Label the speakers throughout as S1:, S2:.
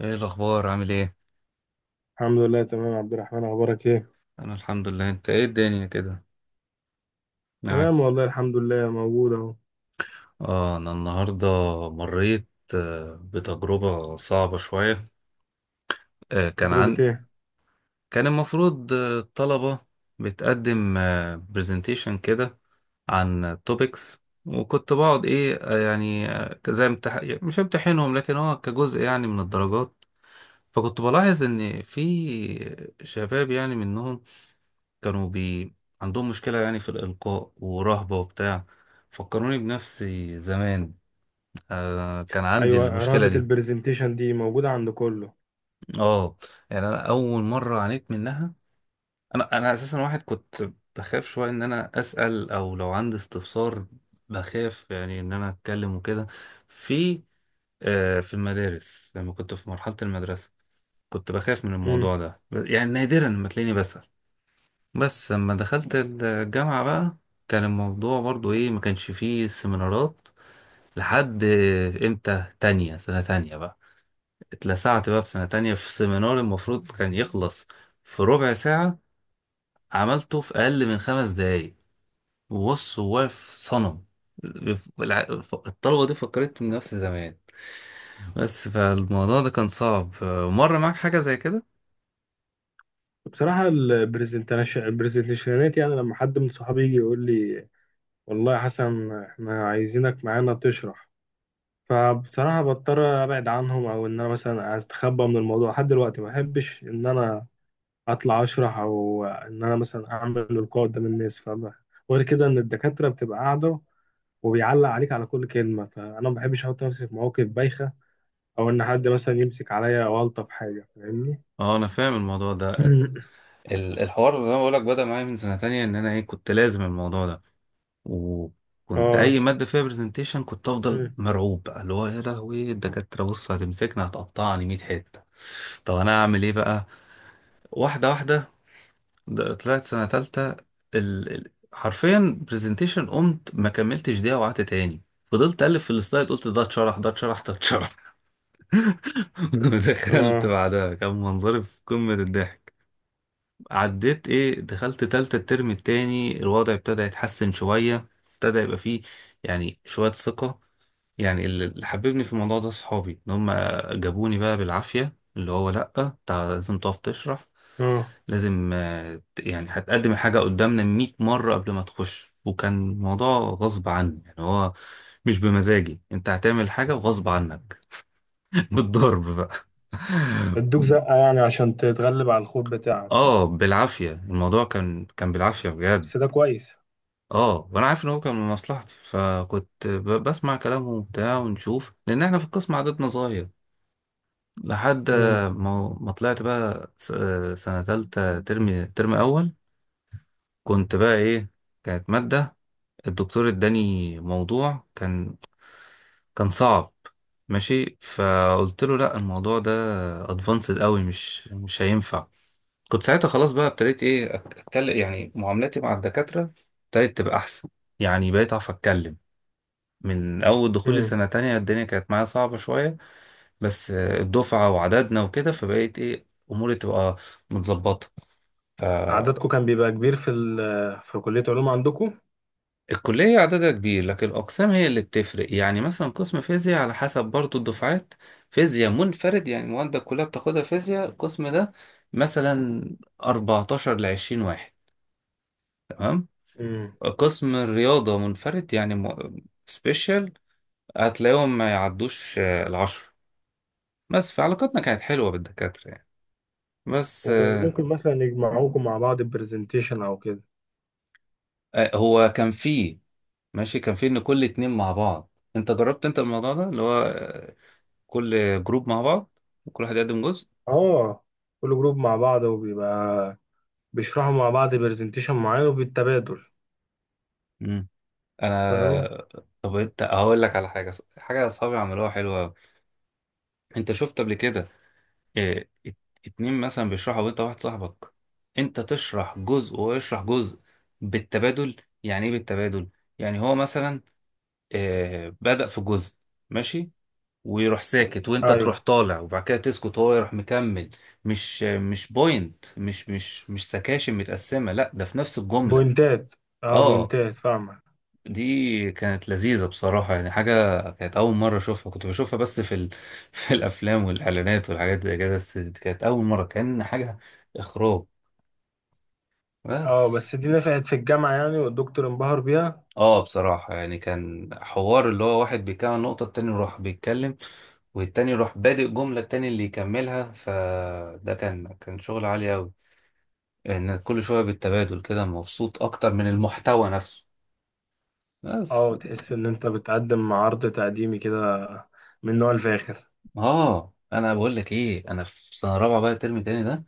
S1: ايه الاخبار؟ عامل ايه؟
S2: الحمد لله، تمام يا عبد الرحمن. اخبارك ايه؟
S1: انا الحمد لله. انت ايه الدنيا كده معاك؟
S2: تمام، والله الحمد لله، موجود اهو.
S1: اه، انا النهارده مريت بتجربه صعبه شويه. آه، كان
S2: تجربة
S1: عن
S2: ايه؟
S1: كان المفروض الطلبه بتقدم برزنتيشن كده عن توبكس، وكنت بقعد ايه يعني زي مش امتحنهم، لكن هو كجزء يعني من الدرجات. فكنت بلاحظ ان في شباب يعني منهم كانوا بي عندهم مشكلة يعني في الإلقاء ورهبة وبتاع. فكروني بنفسي زمان. آه، كان عندي
S2: ايوه،
S1: المشكلة
S2: رهبة
S1: دي.
S2: البرزنتيشن دي موجودة عند كله.
S1: اه، يعني أنا أول مرة عانيت منها. أنا أساسا واحد كنت بخاف شوية إن أنا أسأل أو لو عندي استفسار، بخاف يعني إن أنا أتكلم وكده. في في المدارس لما كنت في مرحلة المدرسة كنت بخاف من
S2: امم.
S1: الموضوع ده، يعني نادرا لما تلاقيني بسأل. بس لما دخلت الجامعة بقى كان الموضوع برضو ايه، ما كانش فيه سيمينارات لحد امتى، تانية، سنة تانية بقى اتلسعت بقى في سنة تانية في سيمينار المفروض كان يخلص في ربع ساعة، عملته في أقل من خمس دقايق وبص هو واقف صنم. الع- الطلبة دي فكرتهم نفس زمان، بس فالموضوع ده كان صعب. مر معاك حاجة زي كده؟
S2: بصراحة البرزنتيشنات يعني لما حد من صحابي يجي يقول لي والله يا حسن احنا عايزينك معانا تشرح، فبصراحة بضطر ابعد عنهم او ان انا مثلا استخبى من الموضوع. لحد دلوقتي ما احبش ان انا اطلع اشرح او ان انا مثلا اعمل لقاء قدام الناس، فاهم؟ غير كده ان الدكاترة بتبقى قاعدة وبيعلق عليك على كل كلمة، فأنا ما بحبش أحط نفسي في مواقف بايخة أو إن حد مثلا يمسك عليا أو ألطف حاجة، فاهمني؟
S1: اه، انا فاهم الموضوع ده. الحوار زي ما بقولك بدأ معايا من سنة تانية، ان انا ايه كنت لازم الموضوع ده. وكنت
S2: آه،
S1: اي ماده فيها برزنتيشن كنت افضل مرعوب بقى، اللي هو يا لهوي الدكاتره بص هتمسكنا، هتقطعني 100 حته. طب انا اعمل ايه بقى؟ واحده واحده. طلعت سنه تالتة، حرفيا برزنتيشن قمت ما كملتش دقيقه وقعدت تاني. فضلت الف في السلايد، قلت ده اتشرح، ده اتشرح، ده اتشرح. دخلت
S2: آه،
S1: بعدها كان منظري في قمه الضحك. عديت ايه، دخلت تالتة الترم التاني، الوضع ابتدى يتحسن شويه، ابتدى يبقى فيه يعني شوية ثقة. يعني اللي حببني في الموضوع ده صحابي، ان هم جابوني بقى بالعافية، اللي هو لأ لازم تقف تشرح،
S2: آه.
S1: لازم يعني هتقدم الحاجة قدامنا 100 مرة قبل ما تخش. وكان موضوع غصب عني، يعني هو مش بمزاجي، انت هتعمل حاجة وغصب عنك. بالضرب بقى.
S2: ادوك زقة يعني عشان تتغلب على الخوف بتاعك.
S1: اه بالعافية، الموضوع كان بالعافية بجد.
S2: بس ده كويس.
S1: اه وانا عارف ان هو كان من مصلحتي، فكنت بسمع كلامهم وبتاع ونشوف، لان احنا في القسم عددنا صغير لحد
S2: مم.
S1: ما طلعت بقى سنة تالتة، ترم أول. كنت بقى إيه، كانت مادة الدكتور اداني موضوع كان صعب. ماشي، فقلت له لا الموضوع ده ادفانسد قوي، مش هينفع. كنت ساعتها خلاص بقى ابتديت ايه اتكلم، يعني معاملاتي مع الدكاترة ابتدت تبقى احسن، يعني بقيت اعرف اتكلم. من اول دخولي
S2: مم.
S1: سنة تانية الدنيا كانت معايا صعبة شوية، بس الدفعة وعددنا وكده فبقيت ايه اموري تبقى متظبطة. فالكلية
S2: عددكم كان بيبقى كبير في ال آه، في كلية علوم عندكم؟
S1: عددها كبير، لكن الأقسام هي اللي بتفرق، يعني مثلا قسم فيزياء على حسب برضو الدفعات، فيزياء منفرد يعني المواد كلها بتاخدها فيزياء القسم ده. مثلا 14 ل 20 واحد، تمام.
S2: مم.
S1: قسم الرياضة منفرد يعني سبيشال، هتلاقيهم ما يعدوش العشرة. بس فعلاقتنا كانت حلوة بالدكاترة يعني. بس
S2: وممكن مثلا يجمعوكم مع بعض برزنتيشن أو كده؟
S1: هو كان فيه ماشي، كان في ان كل اتنين مع بعض. انت جربت انت الموضوع ده اللي هو كل جروب مع بعض وكل واحد يقدم جزء؟
S2: آه، كل جروب مع بعض وبيبقى بيشرحوا مع بعض برزنتيشن معين وبالتبادل،
S1: مم.
S2: فاهم؟
S1: انا. طب انت هقول لك على حاجه، حاجه اصحابي عملوها حلوه أوي. انت شفت قبل كده إيه ات- اتنين مثلا بيشرحوا، وانت واحد صاحبك، انت تشرح جزء وهو يشرح جزء بالتبادل. يعني ايه بالتبادل؟ يعني هو مثلا إيه بدأ في جزء ماشي، ويروح ساكت وانت
S2: أيوه،
S1: تروح طالع، وبعد كده تسكت وهو يروح مكمل. مش بوينت، مش سكاشن متقسمة، لا ده في نفس الجملة.
S2: بوينتات. اه،
S1: اه،
S2: بوينتات، فاهمة.
S1: دي كانت لذيذة بصراحة. يعني حاجة كانت أول مرة أشوفها، كنت بشوفها بس في الأفلام والإعلانات والحاجات زي كده، بس دي كانت أول مرة. كان حاجة إخراج
S2: اه،
S1: بس.
S2: بس دي نفعت في الجامعة يعني والدكتور انبهر بيها.
S1: اه بصراحة يعني كان حوار اللي هو واحد بيكمل نقطة التاني يروح بيتكلم، والتاني يروح بادئ جملة التاني اللي يكملها، فده كان شغل عالي أوي. إن كل شوية بالتبادل كده، مبسوط أكتر من المحتوى نفسه بس.
S2: اه، تحس ان انت بتقدم عرض تقديمي كده من نوع الفاخر.
S1: اه أنا بقول لك إيه، أنا في سنة رابعة بقى الترم التاني ده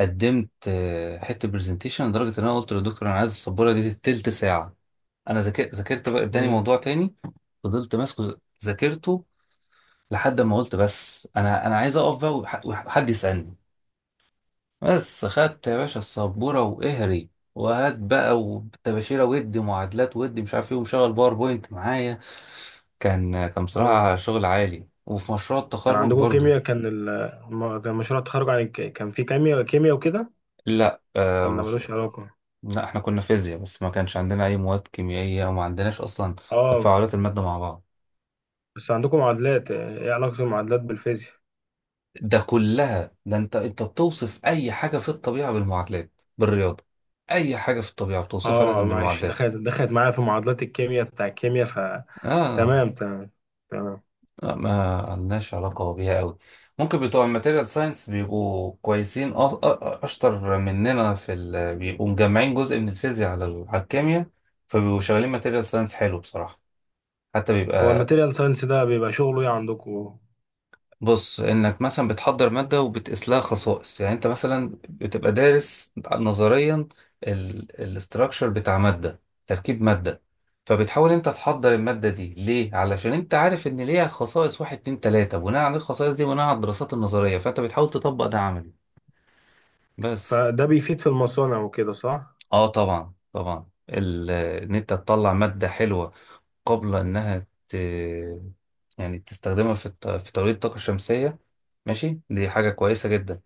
S1: قدمت حتة برزنتيشن، لدرجة إن أنا قلت للدكتور أنا عايز السبورة دي تلت ساعة. أنا ذاكرت ذاكرت بقى تاني،
S2: امم.
S1: موضوع تاني، فضلت ماسكه ذاكرته، لحد ما قلت بس انا عايز اقف بقى وحد يسالني بس. خدت يا باشا السبوره واهري وهات بقى وتباشيره، ودي معادلات ودي مش عارف ايه، ومشغل باوربوينت معايا. كان بصراحه
S2: اه،
S1: شغل عالي. وفي مشروع
S2: كان
S1: التخرج
S2: عندكم
S1: برضو.
S2: كيمياء، كان مشروع التخرج كان في كيمياء كيمياء وكده؟
S1: لا، آه
S2: ولا
S1: مش...
S2: ملوش علاقة؟
S1: لا احنا كنا فيزياء بس، ما كانش عندنا اي مواد كيميائيه، وما عندناش اصلا
S2: اه،
S1: تفاعلات الماده مع بعض.
S2: بس عندكم معادلات. ايه علاقة المعادلات بالفيزياء؟
S1: ده كلها ده، انت بتوصف اي حاجه في الطبيعه بالمعادلات، بالرياضه. اي حاجه في الطبيعه بتوصفها
S2: اه،
S1: لازم
S2: معلش،
S1: بالمعادلات.
S2: دخلت معايا في معادلات الكيمياء بتاع الكيمياء ف...
S1: اه،
S2: تمام، تمام. تمام.
S1: لا ما لناش علاقة بيها قوي. ممكن بتوع الماتيريال ساينس بيبقوا كويسين، أشطر مننا بيبقوا مجمعين جزء من الفيزياء على على الكيمياء، فبيبقوا شغالين ماتيريال ساينس حلو بصراحة، حتى
S2: هو
S1: بيبقى.
S2: الماتيريال ساينس ده بيبقى شغله ايه عندكم؟
S1: بص، انك مثلا بتحضر ماده وبتقيس لها خصائص. يعني انت مثلا بتبقى دارس نظريا الاستراكشر بتاع ماده، تركيب ماده، فبتحاول انت تحضر الماده دي ليه، علشان انت عارف ان ليها خصائص واحد اتنين تلاته، بناء على الخصائص دي، بناء على الدراسات النظريه، فانت بتحاول تطبق ده عملي بس.
S2: فده بيفيد في المصانع وكده، صح؟
S1: اه طبعا طبعا، ان انت تطلع ماده حلوه قبل انها يعني تستخدمها في توليد الطاقه الشمسيه، ماشي. دي حاجه كويسه جدا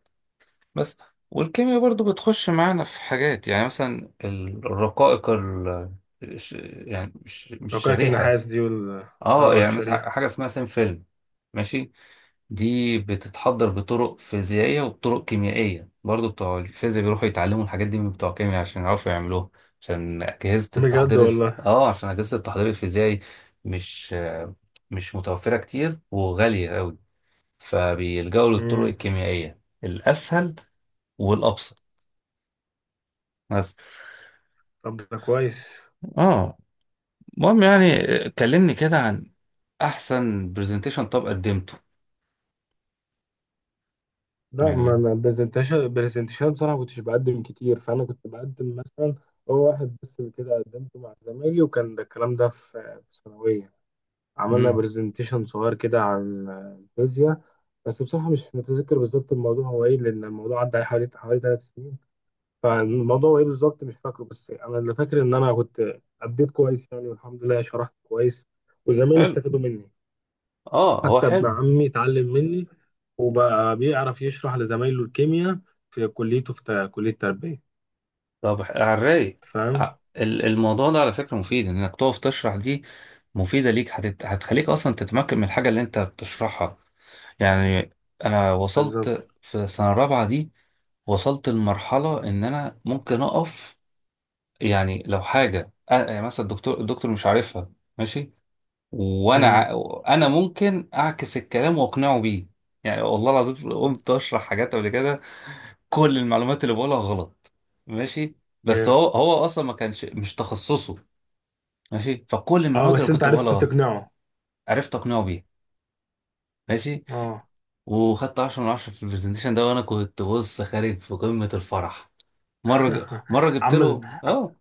S1: بس. والكيمياء برضو بتخش معانا في حاجات، يعني مثلا الرقائق الش- يعني مش
S2: رقائق
S1: شريحة.
S2: النحاس دي وال...
S1: اه،
S2: اه،
S1: يعني مثلا
S2: الشريحة.
S1: حاجة اسمها سينفيلم، ماشي. دي بتتحضر بطرق فيزيائية وبطرق كيميائية برضو، بتوع الفيزياء بيروحوا يتعلموا الحاجات دي من بتوع الكيمياء عشان يعرفوا يعملوها،
S2: بجد والله.
S1: عشان أجهزة التحضير الفيزيائي مش مش متوفرة كتير وغالية أوي، فبيلجأوا للطرق
S2: امم.
S1: الكيميائية الأسهل والأبسط بس.
S2: طب ده كويس.
S1: اه، المهم يعني، كلمني كده عن احسن برزنتيشن طب قدمته.
S2: لا، ما
S1: يعني.
S2: انا برزنتيشن برزنتيشن بصراحة كنتش بقدم كتير، فانا كنت بقدم مثلا... هو واحد بس اللي كده قدمته مع زمايلي، وكان ده الكلام ده في ثانوية. عملنا
S1: امم
S2: برزنتيشن صغير كده عن الفيزياء، بس بصراحة مش متذكر بالظبط الموضوع هو ايه، لأن الموضوع عدى عليه حوالي 3 سنين. فالموضوع ايه بالظبط مش فاكره، بس انا اللي فاكر ان انا كنت اديت كويس يعني والحمد لله، شرحت كويس وزمايلي
S1: حلو.
S2: استفادوا مني.
S1: اه هو
S2: حتى ابن
S1: حلو.
S2: عمي اتعلم مني وبقى بيعرف يشرح لزمايله الكيمياء في كليته في كلية تربية،
S1: طب على الرايق.
S2: فاهم؟
S1: الموضوع ده على فكرة مفيد، انك تقف تشرح دي مفيدة ليك، هتخليك اصلا تتمكن من الحاجة اللي انت بتشرحها. يعني انا
S2: بالظبط.
S1: وصلت في سنة رابعة دي، وصلت لمرحلة ان انا ممكن اقف يعني، لو حاجة يعني مثلا الدكتور مش عارفها، ماشي، وانا ع...
S2: امم.
S1: انا ممكن اعكس الكلام واقنعه بيه. يعني والله العظيم قمت اشرح حاجات قبل كده كل المعلومات اللي بقولها غلط، ماشي، بس
S2: yeah.
S1: هو اصلا ما كانش، مش تخصصه، ماشي. فكل
S2: اه،
S1: المعلومات
S2: بس
S1: اللي
S2: انت
S1: كنت
S2: عرفت
S1: بقولها غلط،
S2: تقنعه.
S1: عرفت اقنعه بيها، ماشي،
S2: اه.
S1: وخدت 10 من 10 في البرزنتيشن ده، وانا كنت بص خارج في قمة الفرح. مرة جبت
S2: عمل
S1: له اه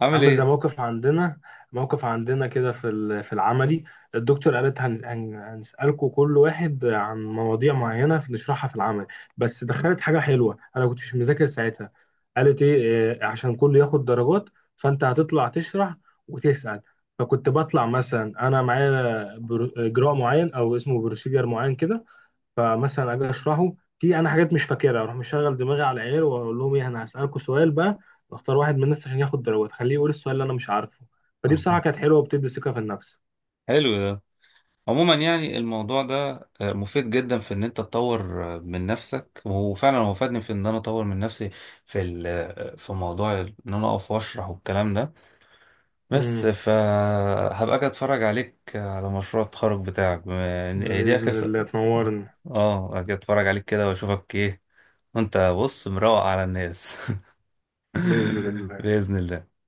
S1: عامل
S2: عامل زي
S1: ايه.
S2: موقف عندنا. موقف عندنا كده في في العملي. الدكتور قالت هنسألكوا كل واحد عن مواضيع معينة نشرحها في العمل، بس دخلت حاجة حلوة أنا كنتش مذاكر ساعتها. قالت إيه عشان كله ياخد درجات، فأنت هتطلع تشرح وتسأل. فكنت بطلع مثلا أنا معايا إجراء معين أو اسمه بروسيجر معين كده، فمثلا اجي اشرحه. في انا حاجات مش فاكرها، اروح مشغل دماغي على العيال واقول لهم ايه، انا هسالكم سؤال بقى، واختار واحد من الناس عشان ياخد درجات خليه يقول السؤال اللي انا مش عارفه. فدي بصراحه كانت حلوه وبتدي ثقه في النفس.
S1: حلو ده. عموما يعني الموضوع ده مفيد جدا في ان انت تطور من نفسك، وفعلا هو فادني في ان انا اطور من نفسي في ال- آه، في موضوع ان انا اقف واشرح والكلام ده بس.
S2: امم.
S1: فهبقى اجي اتفرج عليك على مشروع التخرج بتاعك، بما هي دي اخر
S2: بإذن الله تنورني.
S1: اه اجي اتفرج عليك كده واشوفك ايه، وانت بص مروق على الناس.
S2: بإذن الله.
S1: بإذن الله.